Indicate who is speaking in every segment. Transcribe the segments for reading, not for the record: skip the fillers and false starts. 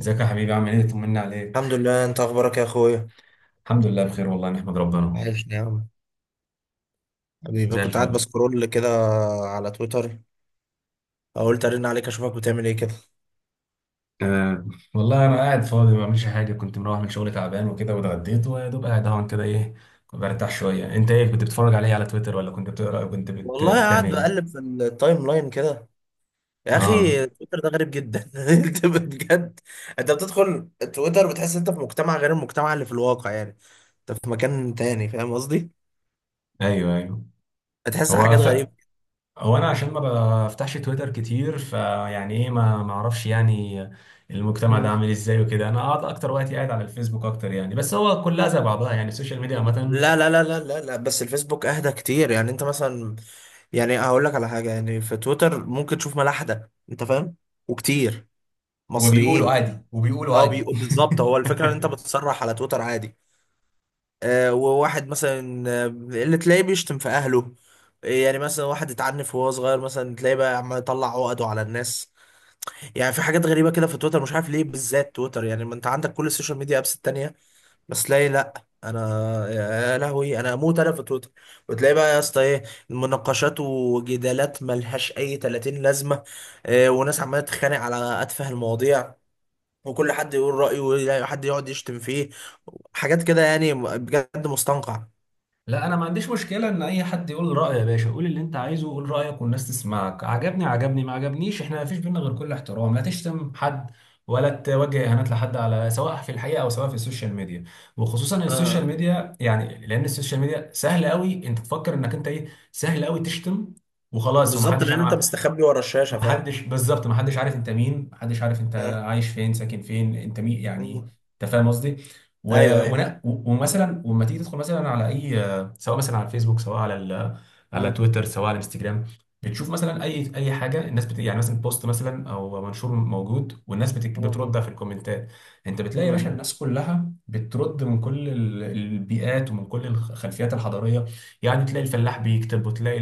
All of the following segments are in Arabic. Speaker 1: ازيك يا حبيبي، عامل ايه؟ طمنا
Speaker 2: الحمد
Speaker 1: عليك.
Speaker 2: لله، انت اخبارك يا اخويا؟
Speaker 1: الحمد لله بخير والله، نحمد ربنا.
Speaker 2: وحشني يا عم. حبيبي،
Speaker 1: زي
Speaker 2: كنت قاعد
Speaker 1: الفل.
Speaker 2: بسكرول كده على تويتر. قلت ارن عليك اشوفك بتعمل ايه كده.
Speaker 1: أه. والله انا قاعد فاضي ما بعملش حاجه، كنت مروح من شغل تعبان وكده واتغديت ويا دوب قاعد اهون كده، ايه. كنت برتاح شويه. انت ايه كنت بتتفرج عليه على تويتر ولا كنت بتقرا أو كنت
Speaker 2: والله
Speaker 1: بتعمل
Speaker 2: قاعد
Speaker 1: ايه؟
Speaker 2: بقلب في التايم لاين كده. يا
Speaker 1: اه،
Speaker 2: اخي تويتر ده غريب جدا انت بجد. انت بتدخل تويتر بتحس انت في مجتمع غير المجتمع اللي في الواقع، يعني انت في مكان تاني. فاهم قصدي؟
Speaker 1: ايوه ايوه.
Speaker 2: بتحس
Speaker 1: هو
Speaker 2: حاجات
Speaker 1: ف...
Speaker 2: غريبة.
Speaker 1: هو انا عشان ما بفتحش تويتر كتير، فيعني ايه، ما اعرفش يعني المجتمع ده
Speaker 2: مم.
Speaker 1: عامل ازاي وكده. انا قاعد اكتر وقت، قاعد على الفيسبوك اكتر يعني، بس هو كلها زي بعضها يعني، السوشيال ميديا عامه.
Speaker 2: لا لا لا لا لا لا، بس الفيسبوك اهدى كتير. يعني انت مثلا، يعني هقول لك على حاجة، يعني في تويتر ممكن تشوف ملاحدة انت فاهم، وكتير
Speaker 1: وبيقولوا
Speaker 2: مصريين.
Speaker 1: عادي وبيقولوا
Speaker 2: اه
Speaker 1: عادي
Speaker 2: بالظبط. هو الفكره ان انت بتصرح على تويتر عادي. آه، وواحد مثلا اللي تلاقيه بيشتم في اهله. يعني مثلا واحد اتعنف وهو صغير، مثلا تلاقيه بقى عمال يطلع عقده على الناس. يعني في حاجات غريبه كده في تويتر. مش عارف ليه بالذات تويتر. يعني ما انت عندك كل السوشيال ميديا ابس التانيه، بس تلاقي لا. انا يا لهوي انا اموت انا في تويتر. وتلاقي بقى يا اسطى ايه، مناقشات وجدالات ملهاش اي 30 لازمه. وناس عماله تتخانق على اتفه المواضيع، وكل حد يقول رأيه، وحد يقعد يشتم فيه. حاجات كده يعني بجد مستنقع.
Speaker 1: لا، انا ما عنديش مشكله ان اي حد يقول رايه. يا باشا قول اللي انت عايزه، قول رايك والناس تسمعك، عجبني عجبني ما عجبنيش، احنا ما فيش بينا غير كل احترام، لا تشتم حد ولا توجه اهانات لحد، على سواء في الحقيقه او سواء في السوشيال ميديا. وخصوصا السوشيال
Speaker 2: آه
Speaker 1: ميديا يعني، لان السوشيال ميديا سهل قوي انت تفكر انك انت ايه، سهل قوي تشتم وخلاص،
Speaker 2: بالظبط،
Speaker 1: ومحدش.
Speaker 2: لأن أنت
Speaker 1: انا...
Speaker 2: مستخبي ورا الشاشة. فاهم.
Speaker 1: محدش بالظبط، محدش عارف انت مين، محدش عارف انت
Speaker 2: آه.
Speaker 1: عايش فين، ساكن فين، انت مين يعني،
Speaker 2: مم.
Speaker 1: انت فاهم قصدي. و...
Speaker 2: أيوه أيوه.
Speaker 1: ومثلا ولما تيجي تدخل مثلا على اي، سواء مثلا على الفيسبوك، سواء على على
Speaker 2: مم.
Speaker 1: تويتر، سواء على الانستجرام، بتشوف مثلا اي حاجه، الناس يعني مثلا بوست مثلا او منشور موجود، والناس بترد
Speaker 2: مم.
Speaker 1: في الكومنتات. انت بتلاقي يا باشا
Speaker 2: مم.
Speaker 1: الناس كلها بترد من كل البيئات ومن كل الخلفيات الحضاريه، يعني تلاقي الفلاح بيكتب، وتلاقي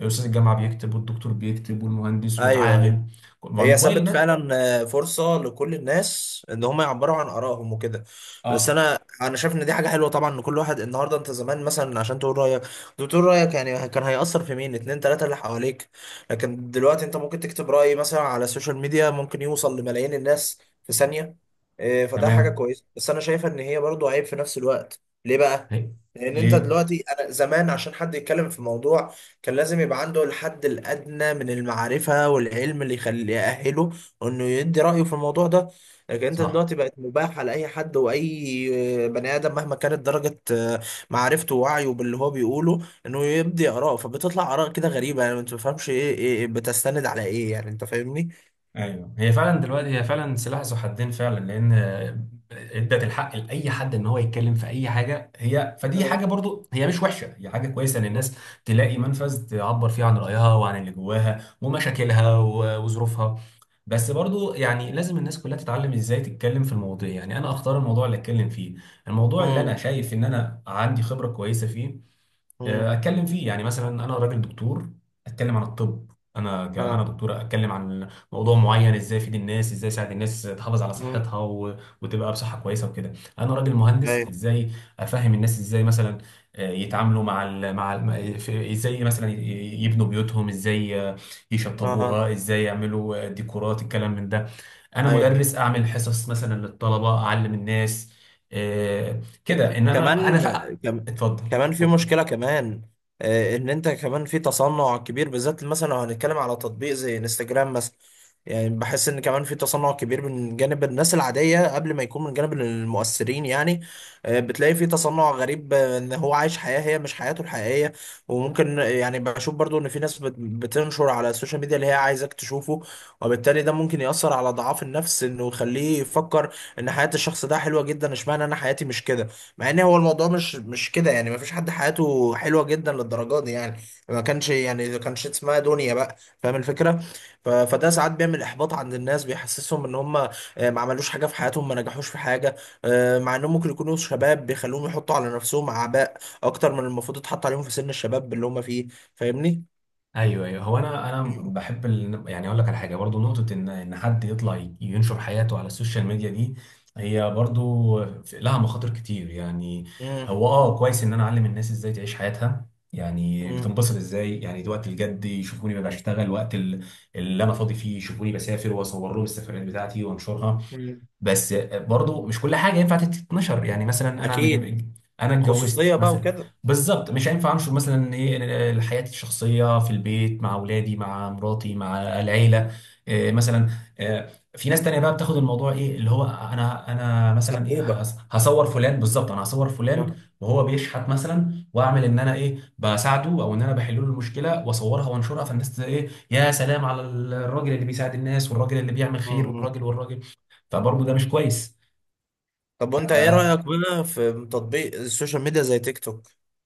Speaker 1: استاذ الجامعه بيكتب، والدكتور بيكتب، والمهندس
Speaker 2: أيوه أيوه.
Speaker 1: والعامل. ما هو
Speaker 2: هي
Speaker 1: الموبايل
Speaker 2: سابت
Speaker 1: ده.
Speaker 2: فعلا فرصة لكل الناس ان هم يعبروا عن ارائهم وكده. بس
Speaker 1: اه،
Speaker 2: انا شايف ان دي حاجة حلوة طبعا، ان كل واحد النهاردة، انت زمان مثلا عشان تقول رأيك كنت بتقول رأيك، يعني كان هيأثر في مين؟ اتنين تلاتة اللي حواليك. لكن دلوقتي انت ممكن تكتب رأي مثلا على السوشيال ميديا ممكن يوصل لملايين الناس في ثانية. فده حاجة
Speaker 1: تمام.
Speaker 2: كويسة، بس انا شايفة ان هي برضو عيب في نفس الوقت. ليه بقى؟
Speaker 1: هي-
Speaker 2: لان انت
Speaker 1: ليه؟
Speaker 2: دلوقتي، انا زمان عشان حد يتكلم في موضوع كان لازم يبقى عنده الحد الأدنى من المعرفة والعلم اللي يخليه يأهله إنه يدي رأيه في الموضوع ده. لكن أنت
Speaker 1: صح.
Speaker 2: دلوقتي بقت مباح على أي حد، وأي بني آدم مهما كانت درجة معرفته ووعيه باللي هو بيقوله إنه يبدي آراء. فبتطلع آراء كده غريبة، يعني ما تفهمش إيه بتستند على إيه. يعني أنت فاهمني؟
Speaker 1: ايوه، هي فعلا دلوقتي، هي فعلا سلاح ذو حدين فعلا، لان ادت الحق لاي حد ان هو يتكلم في اي حاجه، هي فدي حاجه
Speaker 2: آه.
Speaker 1: برضو، هي مش وحشه، هي حاجه كويسه ان الناس تلاقي منفذ تعبر فيه عن رايها وعن اللي جواها ومشاكلها وظروفها. بس برضو يعني لازم الناس كلها تتعلم ازاي تتكلم في المواضيع، يعني انا اختار الموضوع اللي اتكلم فيه، الموضوع اللي انا
Speaker 2: امم.
Speaker 1: شايف ان انا عندي خبره كويسه فيه،
Speaker 2: امم.
Speaker 1: اتكلم فيه. يعني مثلا انا راجل دكتور، اتكلم عن الطب. انا انا
Speaker 2: اه.
Speaker 1: دكتور، اتكلم عن موضوع معين، ازاي افيد الناس، ازاي اساعد الناس تحافظ على
Speaker 2: امم.
Speaker 1: صحتها وتبقى بصحه كويسه وكده. انا راجل مهندس،
Speaker 2: ايوه.
Speaker 1: ازاي افهم الناس، ازاي مثلا يتعاملوا مع ازاي مثلا يبنوا بيوتهم، ازاي
Speaker 2: اها.
Speaker 1: يشطبوها، ازاي يعملوا ديكورات، الكلام من ده. انا
Speaker 2: ايوه.
Speaker 1: مدرس، اعمل حصص مثلا للطلبه، اعلم الناس كده، انما انا
Speaker 2: كمان كم-
Speaker 1: اتفضل.
Speaker 2: كمان في
Speaker 1: اتفضل.
Speaker 2: مشكلة كمان. ان انت كمان في تصنع كبير، بالذات مثلا لو هنتكلم على تطبيق زي انستجرام مثلا. يعني بحس ان كمان في تصنع كبير من جانب الناس العادية قبل ما يكون من جانب المؤثرين. يعني بتلاقي في تصنع غريب، ان هو عايش حياة هي مش حياته الحقيقية. وممكن، يعني بشوف برضو، ان في ناس بتنشر على السوشيال ميديا اللي هي عايزاك تشوفه، وبالتالي ده ممكن يأثر على ضعاف النفس، انه يخليه يفكر ان حياة الشخص ده حلوة جدا، اشمعنى انا حياتي مش كده. مع ان هو الموضوع مش كده، يعني ما فيش حد حياته حلوه جدا للدرجه دي. يعني ما كانش، يعني ما كانش اسمها دنيا بقى. فاهم الفكره؟ فده ساعات بيعمل احباط عند الناس، بيحسسهم ان هم ما عملوش حاجه في حياتهم، ما نجحوش في حاجه. مع انهم ممكن يكونوا شباب، بيخلوهم يحطوا على نفسهم اعباء اكتر من المفروض يتحط عليهم في سن الشباب اللي هم فيه. فاهمني؟
Speaker 1: ايوه ايوه. هو انا
Speaker 2: مم.
Speaker 1: بحب يعني اقول لك على حاجه برضو، نقطه ان حد يطلع ينشر حياته على السوشيال ميديا دي، هي برضو لها مخاطر كتير يعني.
Speaker 2: مم.
Speaker 1: هو كويس ان انا اعلم الناس ازاي تعيش حياتها، يعني
Speaker 2: مم.
Speaker 1: بتنبسط ازاي، يعني دي وقت الجد يشوفوني ببقى بشتغل، وقت اللي انا فاضي فيه يشوفوني بسافر واصور لهم السفريات بتاعتي وانشرها.
Speaker 2: مم.
Speaker 1: بس برضو مش كل حاجه ينفع تتنشر، يعني مثلا انا
Speaker 2: اكيد.
Speaker 1: انا
Speaker 2: خصوصيه
Speaker 1: اتجوزت
Speaker 2: بقى
Speaker 1: مثلا،
Speaker 2: وكده.
Speaker 1: بالظبط مش هينفع انشر مثلا ايه حياتي الشخصيه في البيت، مع اولادي مع مراتي مع العيله. إيه مثلا؟ إيه. في ناس تانية بقى بتاخد الموضوع، ايه اللي هو انا، مثلا ايه،
Speaker 2: سبوبه.
Speaker 1: هصور فلان، بالظبط انا هصور فلان
Speaker 2: آه.
Speaker 1: وهو بيشحت مثلا، واعمل ان انا ايه بساعده، او ان انا بحل له المشكله واصورها وانشرها، فالناس ايه، يا سلام على الراجل اللي بيساعد الناس، والراجل اللي بيعمل خير،
Speaker 2: مم.
Speaker 1: والراجل والراجل. فبرضه ده مش كويس.
Speaker 2: طب وانت ايه رأيك بقى في تطبيق السوشيال ميديا زي تيك توك؟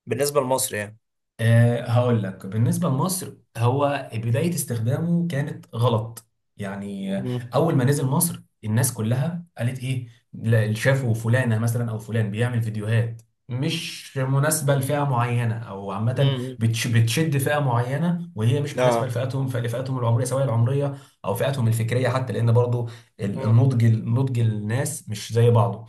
Speaker 2: بالنسبة لمصر يعني.
Speaker 1: أه، هقول لك. بالنسبة لمصر، هو بداية استخدامه كانت غلط. يعني
Speaker 2: مم.
Speaker 1: أول ما نزل مصر الناس كلها قالت إيه، لا، شافوا فلانة مثلا أو فلان بيعمل فيديوهات مش مناسبة لفئة معينة أو عامة،
Speaker 2: مم.
Speaker 1: بتشد فئة معينة وهي مش مناسبة
Speaker 2: اه.
Speaker 1: لفئتهم، العمرية، سواء العمرية أو فئتهم الفكرية حتى، لأن برضه
Speaker 2: مم.
Speaker 1: النضج، الناس مش زي بعضه.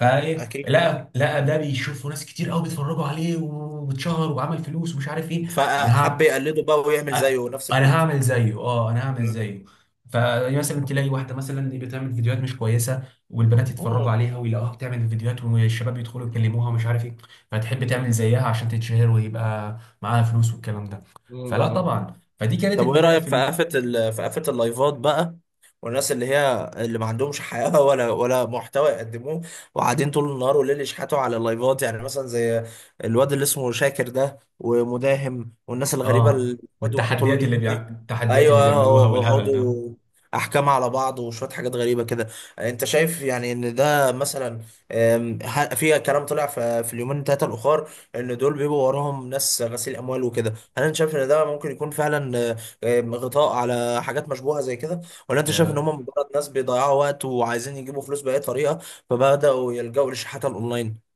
Speaker 1: فايه،
Speaker 2: اكيد.
Speaker 1: لقى ده بيشوفه ناس كتير قوي، بيتفرجوا عليه واتشهر وعمل فلوس ومش عارف ايه. انا
Speaker 2: فحب
Speaker 1: هعمل
Speaker 2: يقلده بقى ويعمل زيه نفس
Speaker 1: انا
Speaker 2: الكونت.
Speaker 1: هعمل زيه، اه انا هعمل زيه. فمثلا تلاقي واحده مثلا بتعمل فيديوهات مش كويسه، والبنات يتفرجوا
Speaker 2: مم.
Speaker 1: عليها ويلاقوها بتعمل فيديوهات، والشباب يدخلوا يكلموها ومش عارف ايه، فتحب تعمل زيها عشان تتشهر ويبقى معاها فلوس والكلام ده. فلا
Speaker 2: مم.
Speaker 1: طبعا، فدي كانت
Speaker 2: طب وايه
Speaker 1: البدايه
Speaker 2: رايك
Speaker 1: في
Speaker 2: في قفه في قفه اللايفات بقى، والناس اللي هي اللي ما عندهمش حياه ولا محتوى يقدموه، وقاعدين طول النهار والليل يشحتوا على اللايفات. يعني مثلا زي الواد اللي اسمه شاكر ده ومداهم، والناس الغريبه
Speaker 1: اه.
Speaker 2: اللي بيقعدوا طول
Speaker 1: والتحديات
Speaker 2: اليوم دي،
Speaker 1: التحديات اللي
Speaker 2: ايوه،
Speaker 1: بيعملوها والهبل ده.
Speaker 2: يقعدوا احكام على بعض وشويه حاجات غريبه كده. انت شايف يعني ان ده مثلا، في كلام طلع في اليومين ثلاثه الاخر ان دول بيبقوا وراهم ناس غسيل اموال وكده، هل انت شايف ان ده ممكن يكون فعلا غطاء على حاجات مشبوهة زي كده؟ ولا انت شايف ان هم
Speaker 1: آه،
Speaker 2: مجرد ناس بيضيعوا وقت وعايزين يجيبوا فلوس بأي طريقة فبدأوا يلجأوا للشحات الأونلاين؟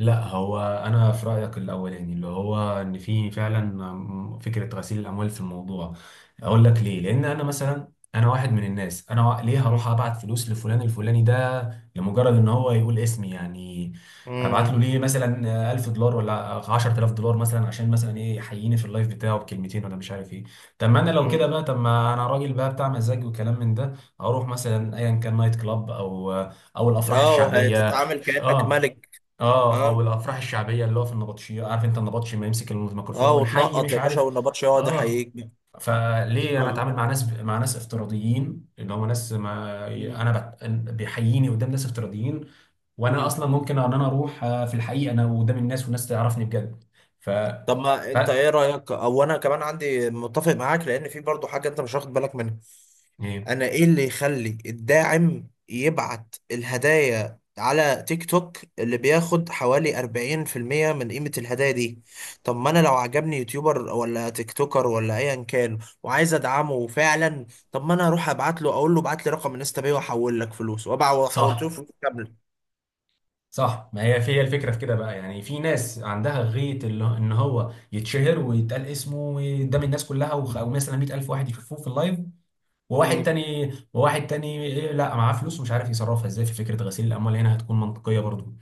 Speaker 1: لا، هو انا في رايك الاولاني، اللي هو ان في فعلا فكره غسيل الاموال في الموضوع. اقول لك ليه. لان انا مثلا، انا واحد من الناس، ليه هروح
Speaker 2: مم.
Speaker 1: ابعت فلوس لفلان الفلاني ده لمجرد ان هو يقول اسمي يعني؟ ابعت له
Speaker 2: مم.
Speaker 1: ليه مثلا 1000 دولار ولا 10,000 دولار مثلا، عشان مثلا ايه، يحييني في اللايف بتاعه بكلمتين ولا مش عارف ايه؟ طب ما انا لو كده
Speaker 2: مم.
Speaker 1: بقى، طب ما انا راجل بقى بتاع مزاج وكلام من ده، اروح مثلا ايا كان نايت كلاب او الافراح
Speaker 2: اه،
Speaker 1: الشعبيه.
Speaker 2: هتتعامل كأنك
Speaker 1: اه،
Speaker 2: ملك.
Speaker 1: اه،
Speaker 2: اه.
Speaker 1: او الافراح الشعبيه اللي هو في النبطشيه، عارف انت النبطشي ما يمسك الميكروفون
Speaker 2: اه
Speaker 1: والحي
Speaker 2: وتنقط
Speaker 1: مش
Speaker 2: يا باشا
Speaker 1: عارف.
Speaker 2: والنبطش يقعد
Speaker 1: اه،
Speaker 2: يحييك.
Speaker 1: فليه انا
Speaker 2: اه.
Speaker 1: اتعامل مع ناس افتراضيين، اللي هم ناس ما
Speaker 2: مم.
Speaker 1: انا بيحييني قدام ناس افتراضيين، وانا اصلا
Speaker 2: مم.
Speaker 1: ممكن ان انا اروح في الحقيقه انا قدام الناس والناس تعرفني بجد. ف
Speaker 2: طب ما
Speaker 1: ف
Speaker 2: انت ايه رأيك، او انا كمان عندي، متفق معاك، لان في برضو حاجة انت مش واخد بالك منها.
Speaker 1: ايه؟
Speaker 2: انا ايه اللي يخلي الداعم يبعت الهدايا على تيك توك اللي بياخد حوالي 40% من قيمة الهدايا دي؟ طب ما انا لو عجبني يوتيوبر ولا تيك توكر ولا ايا كان وعايز ادعمه فعلا، طب ما انا اروح ابعت له اقول له ابعت لي رقم انستا باي واحول لك فلوس، وابع وحولت له
Speaker 1: صح،
Speaker 2: فلوس كاملة.
Speaker 1: صح. ما هي الفكره في كده بقى، يعني في ناس عندها غيه ان هو يتشهر ويتقال اسمه قدام الناس كلها، او مثلا 100,000 واحد يشوفوه في اللايف، وواحد
Speaker 2: مم.
Speaker 1: تاني وواحد تاني إيه، لا معاه فلوس ومش عارف يصرفها ازاي، في فكره غسيل الاموال هنا هتكون منطقيه برضو.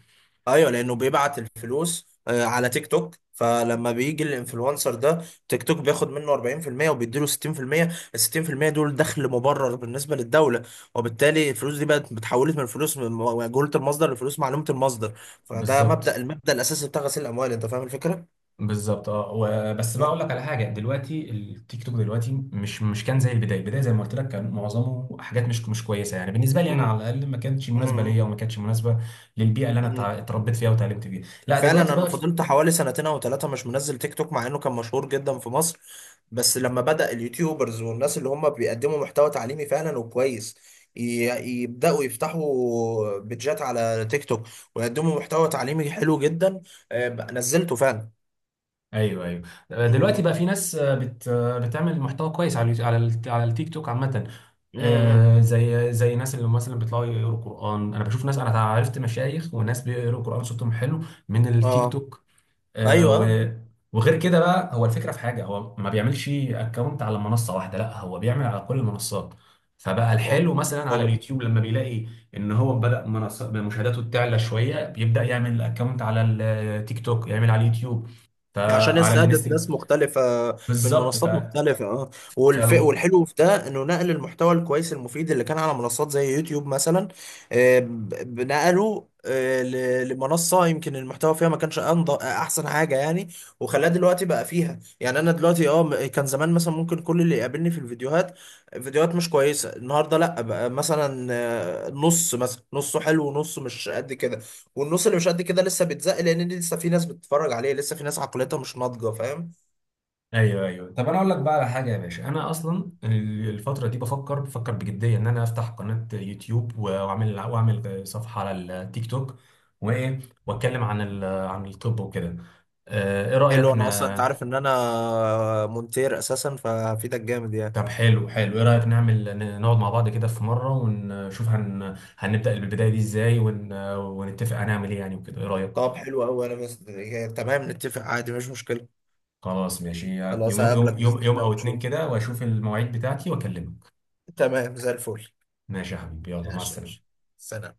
Speaker 2: ايوه، لانه بيبعت الفلوس على تيك توك. فلما بيجي الانفلونسر ده، تيك توك بياخد منه 40% وبيديله 60%. ال 60% دول دخل مبرر بالنسبه للدوله. وبالتالي الفلوس دي بقت اتحولت من فلوس من مجهوله المصدر لفلوس معلومه المصدر. فده
Speaker 1: بالظبط،
Speaker 2: المبدا الاساسي بتاع غسيل الاموال. انت فاهم الفكره؟
Speaker 1: بالظبط. اه، بس بقى
Speaker 2: آه.
Speaker 1: اقول لك على حاجه، دلوقتي التيك توك دلوقتي مش كان زي البدايه، البدايه زي ما قلت لك كان معظمه حاجات مش كويسه، يعني بالنسبه لي انا
Speaker 2: مم.
Speaker 1: على الاقل ما كانتش مناسبه ليا،
Speaker 2: مم.
Speaker 1: وما كانتش مناسبه للبيئه اللي انا
Speaker 2: مم.
Speaker 1: اتربيت فيها وتعلمت فيها. لا
Speaker 2: فعلا
Speaker 1: دلوقتي
Speaker 2: انا
Speaker 1: بقى،
Speaker 2: فضلت حوالي سنتين او ثلاثه مش منزل تيك توك، مع انه كان مشهور جدا في مصر. بس لما بدأ اليوتيوبرز والناس اللي هم بيقدموا محتوى تعليمي فعلا وكويس ي- يبدأوا يفتحوا بيدجات على تيك توك ويقدموا محتوى تعليمي حلو جدا، نزلته فعلا.
Speaker 1: ايوه ايوه،
Speaker 2: م-
Speaker 1: دلوقتي
Speaker 2: م-
Speaker 1: بقى في ناس بتعمل محتوى كويس على على التيك توك عامه.
Speaker 2: م- م.
Speaker 1: زي ناس اللي مثلا بيطلعوا يقروا قران، انا بشوف ناس، انا عرفت مشايخ وناس بيقروا قران صوتهم حلو من التيك
Speaker 2: اه.
Speaker 1: توك. آه،
Speaker 2: ايوه. آه.
Speaker 1: و وغير كده بقى، هو الفكره في حاجه، هو ما بيعملش اكونت على منصه واحده، لا هو بيعمل على كل المنصات. فبقى
Speaker 2: هو-
Speaker 1: الحلو مثلا على
Speaker 2: هو
Speaker 1: اليوتيوب، لما بيلاقي ان هو بدأ منصة مشاهداته تعلى شويه، بيبدأ يعمل اكونت على التيك توك، يعمل على اليوتيوب،
Speaker 2: يعني عشان
Speaker 1: فعلى
Speaker 2: يستهدف
Speaker 1: الانستجرام.
Speaker 2: ناس مختلفة من
Speaker 1: بالظبط. ف
Speaker 2: منصات مختلفة. اه
Speaker 1: فلو
Speaker 2: والحلو في ده انه نقل المحتوى الكويس المفيد اللي كان على منصات زي يوتيوب مثلا، آه، ب- نقله لمنصة يمكن المحتوى فيها ما كانش احسن حاجة يعني. وخلاه دلوقتي بقى فيها. يعني انا دلوقتي كان زمان مثلا ممكن كل اللي يقابلني في الفيديوهات فيديوهات مش كويسة. النهاردة لا، بقى مثلا نص مثلا نصه حلو ونصه مش قد كده، والنص اللي مش قد كده لسه بيتزق، لان لسه في ناس بتتفرج عليه، لسه في ناس عقليتها مش ناضجه. فاهم؟
Speaker 1: ايوه ايوه، طب انا اقول لك بقى على حاجه يا باشا، انا اصلا الفتره دي بفكر بجديه ان انا افتح قناه يوتيوب، واعمل صفحه على التيك توك، وايه، واتكلم عن عن الطب وكده. ايه
Speaker 2: حلو،
Speaker 1: رايك
Speaker 2: انا اصلا انت عارف ان انا مونتير اساسا، فهفيدك جامد يعني.
Speaker 1: طب حلو، حلو، ايه رايك نعمل نقعد مع بعض كده في مره، ونشوف هنبدا البدايه دي ازاي، ونتفق هنعمل ايه يعني وكده، ايه رايك؟
Speaker 2: طب حلو قوي، انا بس يعني تمام، نتفق عادي، مش مشكله.
Speaker 1: خلاص ماشي.
Speaker 2: خلاص هقابلك باذن
Speaker 1: يوم
Speaker 2: الله
Speaker 1: او اتنين
Speaker 2: ونشوف.
Speaker 1: كده، واشوف المواعيد بتاعتي واكلمك.
Speaker 2: تمام زي الفل.
Speaker 1: ماشي يا حبيبي، يلا مع
Speaker 2: ماشي يا باشا.
Speaker 1: السلامه.
Speaker 2: سلام.